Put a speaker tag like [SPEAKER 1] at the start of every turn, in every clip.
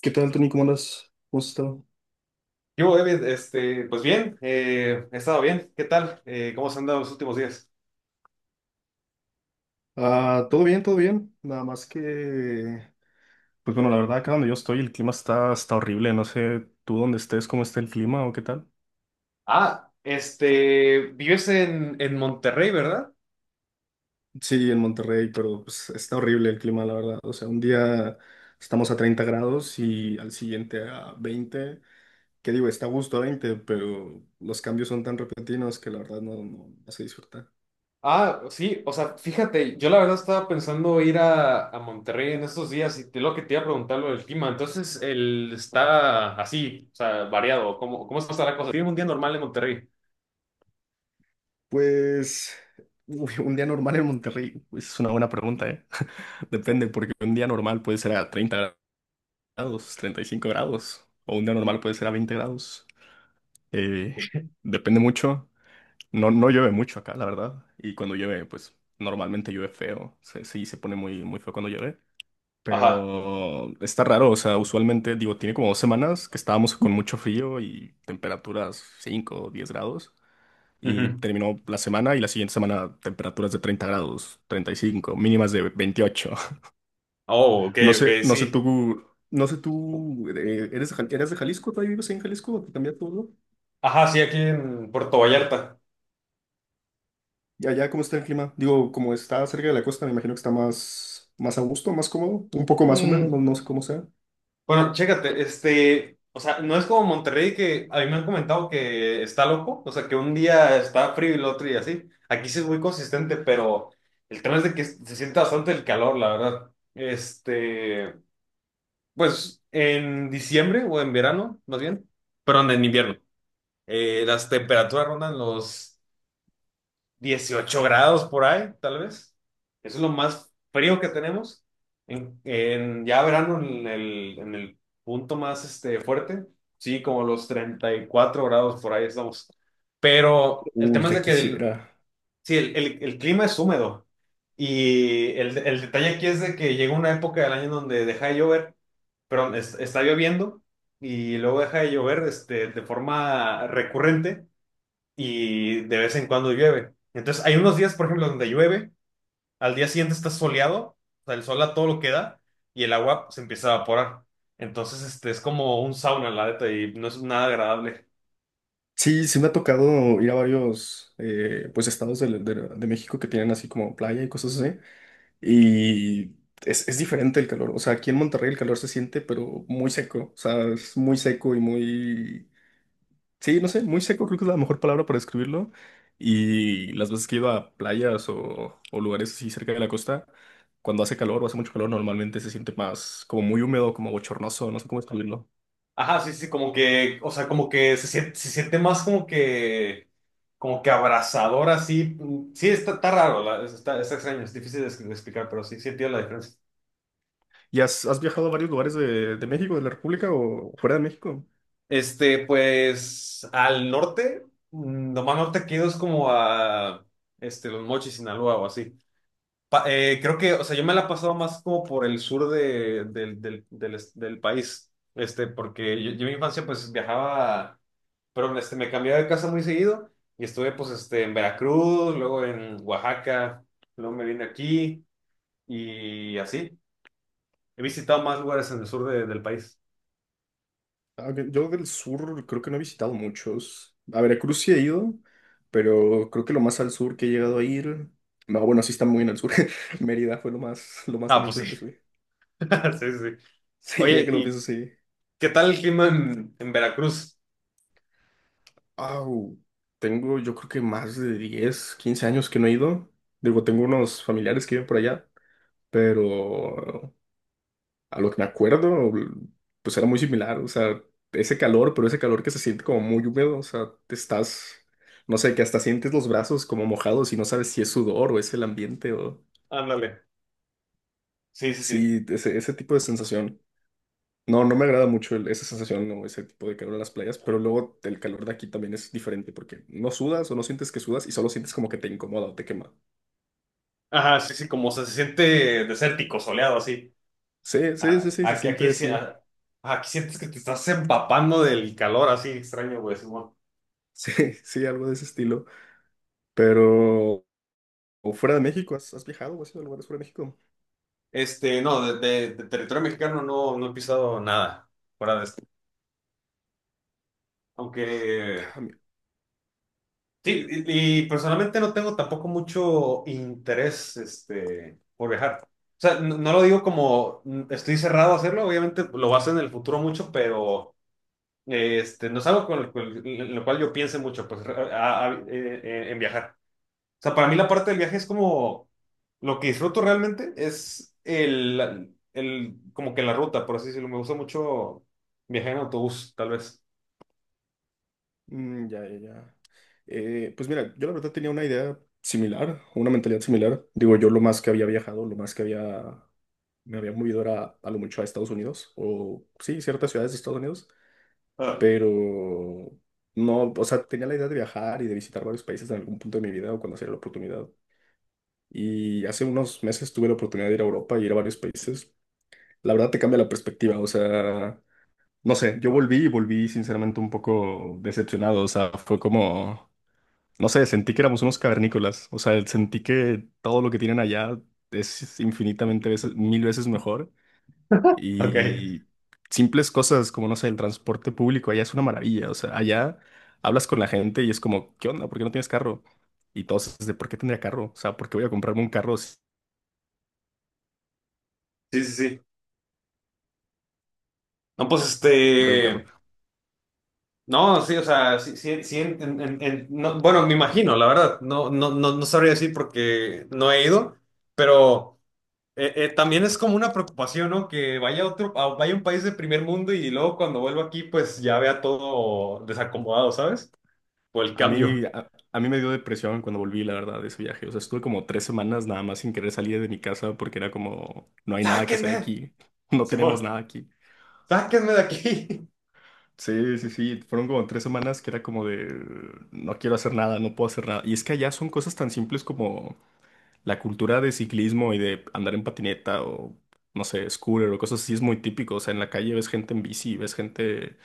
[SPEAKER 1] ¿Qué tal, Tony? ¿Cómo andas? ¿Cómo has estado?
[SPEAKER 2] Yo, David, pues bien, he estado bien. ¿Qué tal? ¿Cómo se han dado los últimos días?
[SPEAKER 1] Ah, todo bien, todo bien. Nada más que, pues bueno, la verdad, acá donde yo estoy, el clima está horrible. No sé tú dónde estés, cómo está el clima o qué tal.
[SPEAKER 2] Ah, vives en Monterrey, ¿verdad?
[SPEAKER 1] Sí, en Monterrey, pero pues, está horrible el clima, la verdad. O sea, un día estamos a 30 grados y al siguiente a 20. ¿Qué digo? Está a gusto a 20, pero los cambios son tan repentinos que la verdad no se disfruta.
[SPEAKER 2] Ah, sí, o sea, fíjate, yo la verdad estaba pensando ir a Monterrey en estos días y te, lo que te iba a preguntar lo del clima. Entonces, el está así, o sea, variado. ¿Cómo está la cosa? ¿Tiene un día normal en Monterrey?
[SPEAKER 1] Pues uy, un día normal en Monterrey, pues es una buena pregunta, ¿eh? Depende, porque un día normal puede ser a 30 grados, 35 grados, o un día normal puede ser a 20 grados. Eh, Depende mucho. No llueve mucho acá, la verdad. Y cuando llueve, pues normalmente llueve feo. Sí, se pone muy feo cuando llueve.
[SPEAKER 2] Ajá.
[SPEAKER 1] Pero está raro, o sea, usualmente, digo, tiene como 2 semanas que estábamos con mucho frío y temperaturas 5, o 10 grados y
[SPEAKER 2] Ujú.
[SPEAKER 1] terminó la semana y la siguiente semana temperaturas de 30 grados, 35 mínimas de 28.
[SPEAKER 2] Oh, ok,
[SPEAKER 1] No
[SPEAKER 2] ok,
[SPEAKER 1] sé, no sé
[SPEAKER 2] sí.
[SPEAKER 1] tú, no sé tú, ¿eres de eres de Jalisco? ¿Todavía vives ahí en Jalisco? ¿Te cambiaste todo?
[SPEAKER 2] Ajá, sí, aquí en Puerto Vallarta.
[SPEAKER 1] ¿Y allá cómo está el clima? Digo, como está cerca de la costa, me imagino que está más a gusto, más cómodo, un poco más húmedo,
[SPEAKER 2] Mm.
[SPEAKER 1] no sé cómo sea.
[SPEAKER 2] Bueno, chécate, o sea, no es como Monterrey que a mí me han comentado que está loco, o sea, que un día está frío y el otro día así. Aquí sí es muy consistente, pero el tema es de que se siente bastante el calor, la verdad. Pues en diciembre o en verano, más bien, perdón, en invierno, las temperaturas rondan los 18 grados por ahí, tal vez. Eso es lo más frío que tenemos. Ya verano, en el punto más fuerte, sí, como los 34 grados por ahí estamos. Pero el
[SPEAKER 1] Uy,
[SPEAKER 2] tema es
[SPEAKER 1] ya
[SPEAKER 2] de que
[SPEAKER 1] quisiera.
[SPEAKER 2] sí, el clima es húmedo. Y el detalle aquí es de que llega una época del año donde deja de llover, pero está lloviendo y luego deja de llover de forma recurrente y de vez en cuando llueve. Entonces, hay unos días, por ejemplo, donde llueve, al día siguiente está soleado, o sea, el sol a todo lo que da y el agua se empieza a evaporar. Entonces, este es como un sauna, la neta, y no es nada agradable.
[SPEAKER 1] Sí, sí me ha tocado ir a varios pues estados de México que tienen así como playa y cosas así. Y es diferente el calor. O sea, aquí en Monterrey el calor se siente, pero muy seco. O sea, es muy seco y muy... Sí, no sé, muy seco creo que es la mejor palabra para describirlo. Y las veces que he ido a playas o lugares así cerca de la costa, cuando hace calor o hace mucho calor, normalmente se siente más como muy húmedo, como bochornoso, no sé cómo describirlo.
[SPEAKER 2] Ajá, sí, sí, como que, o sea, como que se siente más como que abrazador, así. Sí, está, está raro, está, está extraño, es difícil de explicar, pero sí, sí entiendo la diferencia.
[SPEAKER 1] ¿Y has viajado a varios lugares de México, de la República o fuera de México?
[SPEAKER 2] Pues al norte, lo más norte que he ido es como a Los Mochis, Sinaloa o así. Creo que, o sea, yo me la he pasado más como por el sur de, del, del, del, est- del país, porque yo en mi infancia pues viajaba, pero me cambiaba de casa muy seguido y estuve pues en Veracruz, luego en Oaxaca, luego me vine aquí y así. He visitado más lugares en el sur del país.
[SPEAKER 1] Ah, ok. Yo del sur creo que no he visitado muchos. A Veracruz sí he ido, pero creo que lo más al sur que he llegado a ir. No, bueno, sí está muy en el sur. Mérida fue lo más en
[SPEAKER 2] Ah,
[SPEAKER 1] el
[SPEAKER 2] pues sí,
[SPEAKER 1] sur que fui.
[SPEAKER 2] sí, sí.
[SPEAKER 1] Sí, ya
[SPEAKER 2] Oye,
[SPEAKER 1] que lo pienso,
[SPEAKER 2] ¿y
[SPEAKER 1] sí.
[SPEAKER 2] ¿qué tal el clima en Veracruz?
[SPEAKER 1] Au, tengo yo creo que más de 10 15 años que no he ido. Digo, tengo unos familiares que viven por allá, pero a lo que me acuerdo, pues era muy similar, o sea, ese calor, pero ese calor que se siente como muy húmedo, o sea, te estás, no sé, que hasta sientes los brazos como mojados y no sabes si es sudor o es el ambiente o...
[SPEAKER 2] Ándale. Sí, sí, sí.
[SPEAKER 1] Sí, ese tipo de sensación. No, no me agrada mucho esa sensación o ese tipo de calor en las playas, pero luego el calor de aquí también es diferente porque no sudas o no sientes que sudas y solo sientes como que te incomoda o te quema.
[SPEAKER 2] Ajá, sí, sí, como se siente desértico, soleado, así.
[SPEAKER 1] Sí, sí, sí,
[SPEAKER 2] Ah,
[SPEAKER 1] sí, se
[SPEAKER 2] aquí,
[SPEAKER 1] siente
[SPEAKER 2] sí,
[SPEAKER 1] así.
[SPEAKER 2] ah, aquí sientes que te estás empapando del calor, así extraño, güey. Simón.
[SPEAKER 1] Sí, sí, algo de ese estilo. Pero, o fuera de México, ¿has viajado o has ido a lugares fuera de México?
[SPEAKER 2] No, de territorio mexicano no, no he pisado nada fuera de esto. Aunque,
[SPEAKER 1] Ah, mi-
[SPEAKER 2] sí, y personalmente no tengo tampoco mucho interés, por viajar. O sea, no, no lo digo como estoy cerrado a hacerlo, obviamente lo vas a hacer en el futuro mucho, pero no es algo con lo, cual en lo cual yo piense mucho, pues, en viajar. O sea, para mí la parte del viaje es como lo que disfruto realmente es el como que la ruta, por así decirlo. Me gusta mucho viajar en autobús, tal vez.
[SPEAKER 1] ya. Pues mira, yo la verdad tenía una idea similar, una mentalidad similar. Digo, yo lo más que había viajado, lo más que había, me había movido era a lo mucho a Estados Unidos, o sí, ciertas ciudades de Estados Unidos,
[SPEAKER 2] Ah,
[SPEAKER 1] pero no, o sea, tenía la idea de viajar y de visitar varios países en algún punto de mi vida o cuando hacía la oportunidad. Y hace unos meses tuve la oportunidad de ir a Europa y ir a varios países. La verdad te cambia la perspectiva, o sea, no sé, yo volví sinceramente un poco decepcionado, o sea, fue como... No sé, sentí que éramos unos cavernícolas. O sea, sentí que todo lo que tienen allá es infinitamente veces, mil veces mejor.
[SPEAKER 2] ok.
[SPEAKER 1] Y simples cosas como, no sé, el transporte público allá es una maravilla. O sea, allá hablas con la gente y es como, ¿qué onda? ¿Por qué no tienes carro? Y todos es de, ¿por qué tendría carro? O sea, ¿por qué voy a comprarme un carro si
[SPEAKER 2] Sí, sí, sí. No, pues
[SPEAKER 1] compré un carro?
[SPEAKER 2] este. No, sí, o sea, sí, sí, sí, no, bueno, me imagino, la verdad, no, no, no, no sabría decir porque no he ido, pero. También es como una preocupación, ¿no? Que vaya a otro, vaya a un país de primer mundo y luego cuando vuelvo aquí, pues ya vea todo desacomodado, ¿sabes? Por el cambio.
[SPEAKER 1] A mí me dio depresión cuando volví, la verdad, de ese viaje. O sea, estuve como 3 semanas nada más sin querer salir de mi casa porque era como, no hay nada que hacer
[SPEAKER 2] ¡Sáquenme!
[SPEAKER 1] aquí. No
[SPEAKER 2] Simón,
[SPEAKER 1] tenemos nada aquí.
[SPEAKER 2] ¡sáquenme de aquí!
[SPEAKER 1] Sí, fueron como 3 semanas que era como de no quiero hacer nada, no puedo hacer nada. Y es que allá son cosas tan simples como la cultura de ciclismo y de andar en patineta o no sé, scooter o cosas así es muy típico. O sea, en la calle ves gente en bici, ves gente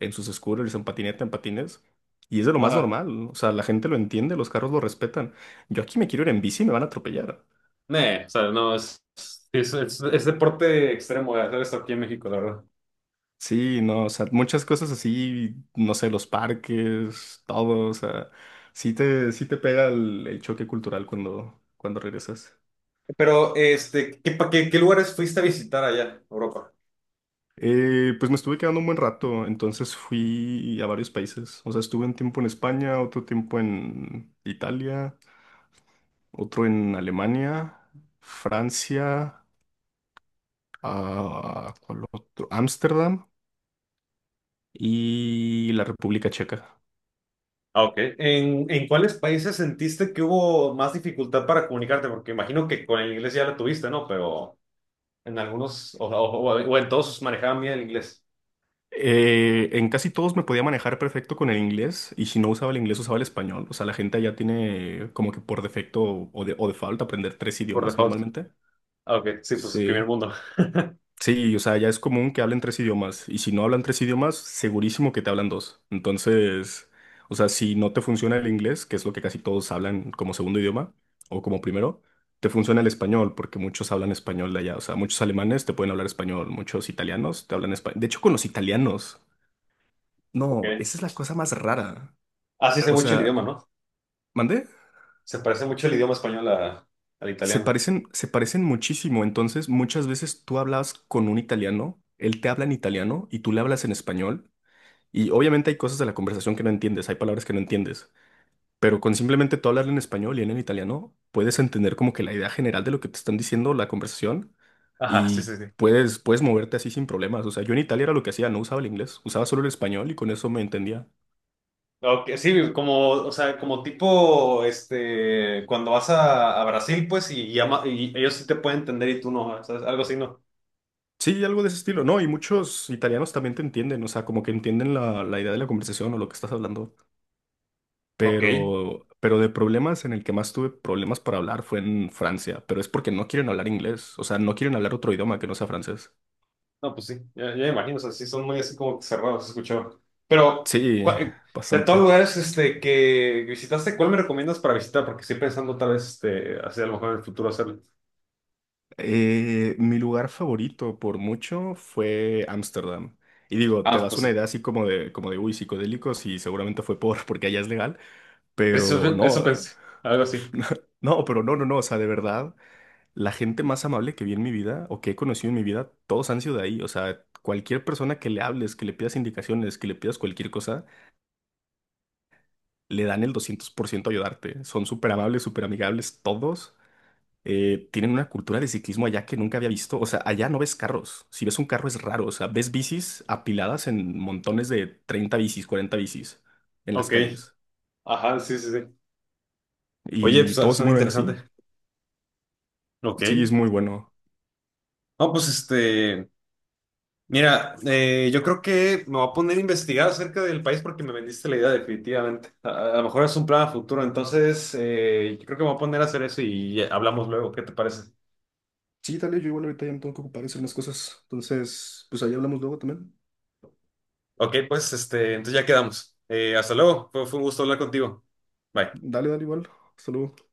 [SPEAKER 1] en sus scooters, en patineta, en patines. Y es de lo más
[SPEAKER 2] Ajá.
[SPEAKER 1] normal, ¿no? O sea, la gente lo entiende, los carros lo respetan. Yo aquí me quiero ir en bici y me van a atropellar.
[SPEAKER 2] Nee, o sea, no, es, es deporte extremo de hacer esto aquí en México, la verdad.
[SPEAKER 1] Sí, no, o sea, muchas cosas así, no sé, los parques, todo, o sea, sí te pega el choque cultural cuando regresas.
[SPEAKER 2] Pero, ¿qué, qué lugares fuiste a visitar allá, Europa?
[SPEAKER 1] Pues me estuve quedando un buen rato, entonces fui a varios países, o sea, estuve un tiempo en España, otro tiempo en Italia, otro en Alemania, Francia, ah, ¿cuál otro? Ámsterdam y la República Checa.
[SPEAKER 2] Ah, ok. En cuáles países sentiste que hubo más dificultad para comunicarte? Porque imagino que con el inglés ya lo tuviste, ¿no? Pero... En algunos, o en todos manejaban bien el inglés.
[SPEAKER 1] En casi todos me podía manejar perfecto con el inglés y si no usaba el inglés usaba el español. O sea, la gente allá tiene como que por defecto o de falta aprender tres
[SPEAKER 2] Por
[SPEAKER 1] idiomas
[SPEAKER 2] default.
[SPEAKER 1] normalmente.
[SPEAKER 2] Ah, ok, sí, pues el primer
[SPEAKER 1] Sí.
[SPEAKER 2] mundo.
[SPEAKER 1] Sí, o sea, ya es común que hablen 3 idiomas y si no hablan 3 idiomas, segurísimo que te hablan 2. Entonces, o sea, si no te funciona el inglés, que es lo que casi todos hablan como segundo idioma o como primero, te funciona el español porque muchos hablan español de allá. O sea, muchos alemanes te pueden hablar español, muchos italianos te hablan español. De hecho, con los italianos.
[SPEAKER 2] Ok.
[SPEAKER 1] No, esa es la cosa más rara.
[SPEAKER 2] Así se
[SPEAKER 1] O
[SPEAKER 2] mucho el
[SPEAKER 1] sea,
[SPEAKER 2] idioma, ¿no?
[SPEAKER 1] ¿mandé?
[SPEAKER 2] Se parece mucho el idioma español al italiano.
[SPEAKER 1] Se parecen muchísimo. Entonces, muchas veces tú hablas con un italiano, él te habla en italiano y tú le hablas en español. Y obviamente hay cosas de la conversación que no entiendes, hay palabras que no entiendes. Pero con simplemente tú hablarle en español y él en italiano, puedes entender como que la idea general de lo que te están diciendo, la conversación,
[SPEAKER 2] Ajá, sí,
[SPEAKER 1] y
[SPEAKER 2] sí, sí.
[SPEAKER 1] puedes moverte así sin problemas. O sea, yo en Italia era lo que hacía, no usaba el inglés, usaba solo el español y con eso me entendía.
[SPEAKER 2] Ok, sí, como, o sea, como tipo, cuando vas a Brasil, pues, y, y ellos sí te pueden entender y tú no, ¿sabes? Algo así, ¿no?
[SPEAKER 1] Sí, algo de ese estilo. No, y muchos italianos también te entienden, o sea, como que entienden la idea de la conversación o lo que estás hablando.
[SPEAKER 2] Ok,
[SPEAKER 1] Pero de problemas en el que más tuve problemas para hablar fue en Francia, pero es porque no quieren hablar inglés, o sea, no quieren hablar otro idioma que no sea francés.
[SPEAKER 2] no, pues sí, ya, ya me imagino, o sea, sí son muy así como que cerrados, escuchó. Pero,
[SPEAKER 1] Sí,
[SPEAKER 2] ¿cuál- eh, de todos los
[SPEAKER 1] bastante.
[SPEAKER 2] lugares que visitaste, ¿cuál me recomiendas para visitar? Porque estoy pensando tal vez hacer a lo mejor en el futuro hacerlo.
[SPEAKER 1] Mi lugar favorito por mucho fue Ámsterdam. Y digo, te
[SPEAKER 2] Ah,
[SPEAKER 1] das
[SPEAKER 2] pues
[SPEAKER 1] una
[SPEAKER 2] sí,
[SPEAKER 1] idea así como uy, psicodélicos y seguramente fue porque allá es legal, pero
[SPEAKER 2] Eso,
[SPEAKER 1] no,
[SPEAKER 2] pensé, algo así.
[SPEAKER 1] no, o sea, de verdad. La gente más amable que vi en mi vida o que he conocido en mi vida, todos han sido de ahí. O sea, cualquier persona que le hables, que le pidas indicaciones, que le pidas cualquier cosa, le dan el 200% a ayudarte. Son súper amables, súper amigables todos. Tienen una cultura de ciclismo allá que nunca había visto. O sea, allá no ves carros. Si ves un carro es raro. O sea, ves bicis apiladas en montones de 30 bicis, 40 bicis en las
[SPEAKER 2] Ok,
[SPEAKER 1] calles.
[SPEAKER 2] ajá, sí, sí, sí. Oye,
[SPEAKER 1] Y
[SPEAKER 2] pues ah,
[SPEAKER 1] todos se
[SPEAKER 2] suena
[SPEAKER 1] mueven
[SPEAKER 2] interesante.
[SPEAKER 1] así.
[SPEAKER 2] Ok.
[SPEAKER 1] Sí, es muy bueno.
[SPEAKER 2] No, pues mira, yo creo que me voy a poner a investigar acerca del país porque me vendiste la idea definitivamente. A lo mejor es un plan a futuro, entonces yo creo que me voy a poner a hacer eso y hablamos luego, ¿qué te parece?
[SPEAKER 1] Sí, dale, yo igual ahorita ya me tengo que ocupar de hacer unas cosas. Entonces, pues ahí hablamos luego también.
[SPEAKER 2] Ok, pues entonces ya quedamos. Hasta luego, fue un gusto hablar contigo. Bye.
[SPEAKER 1] Dale, dale igual. Saludos.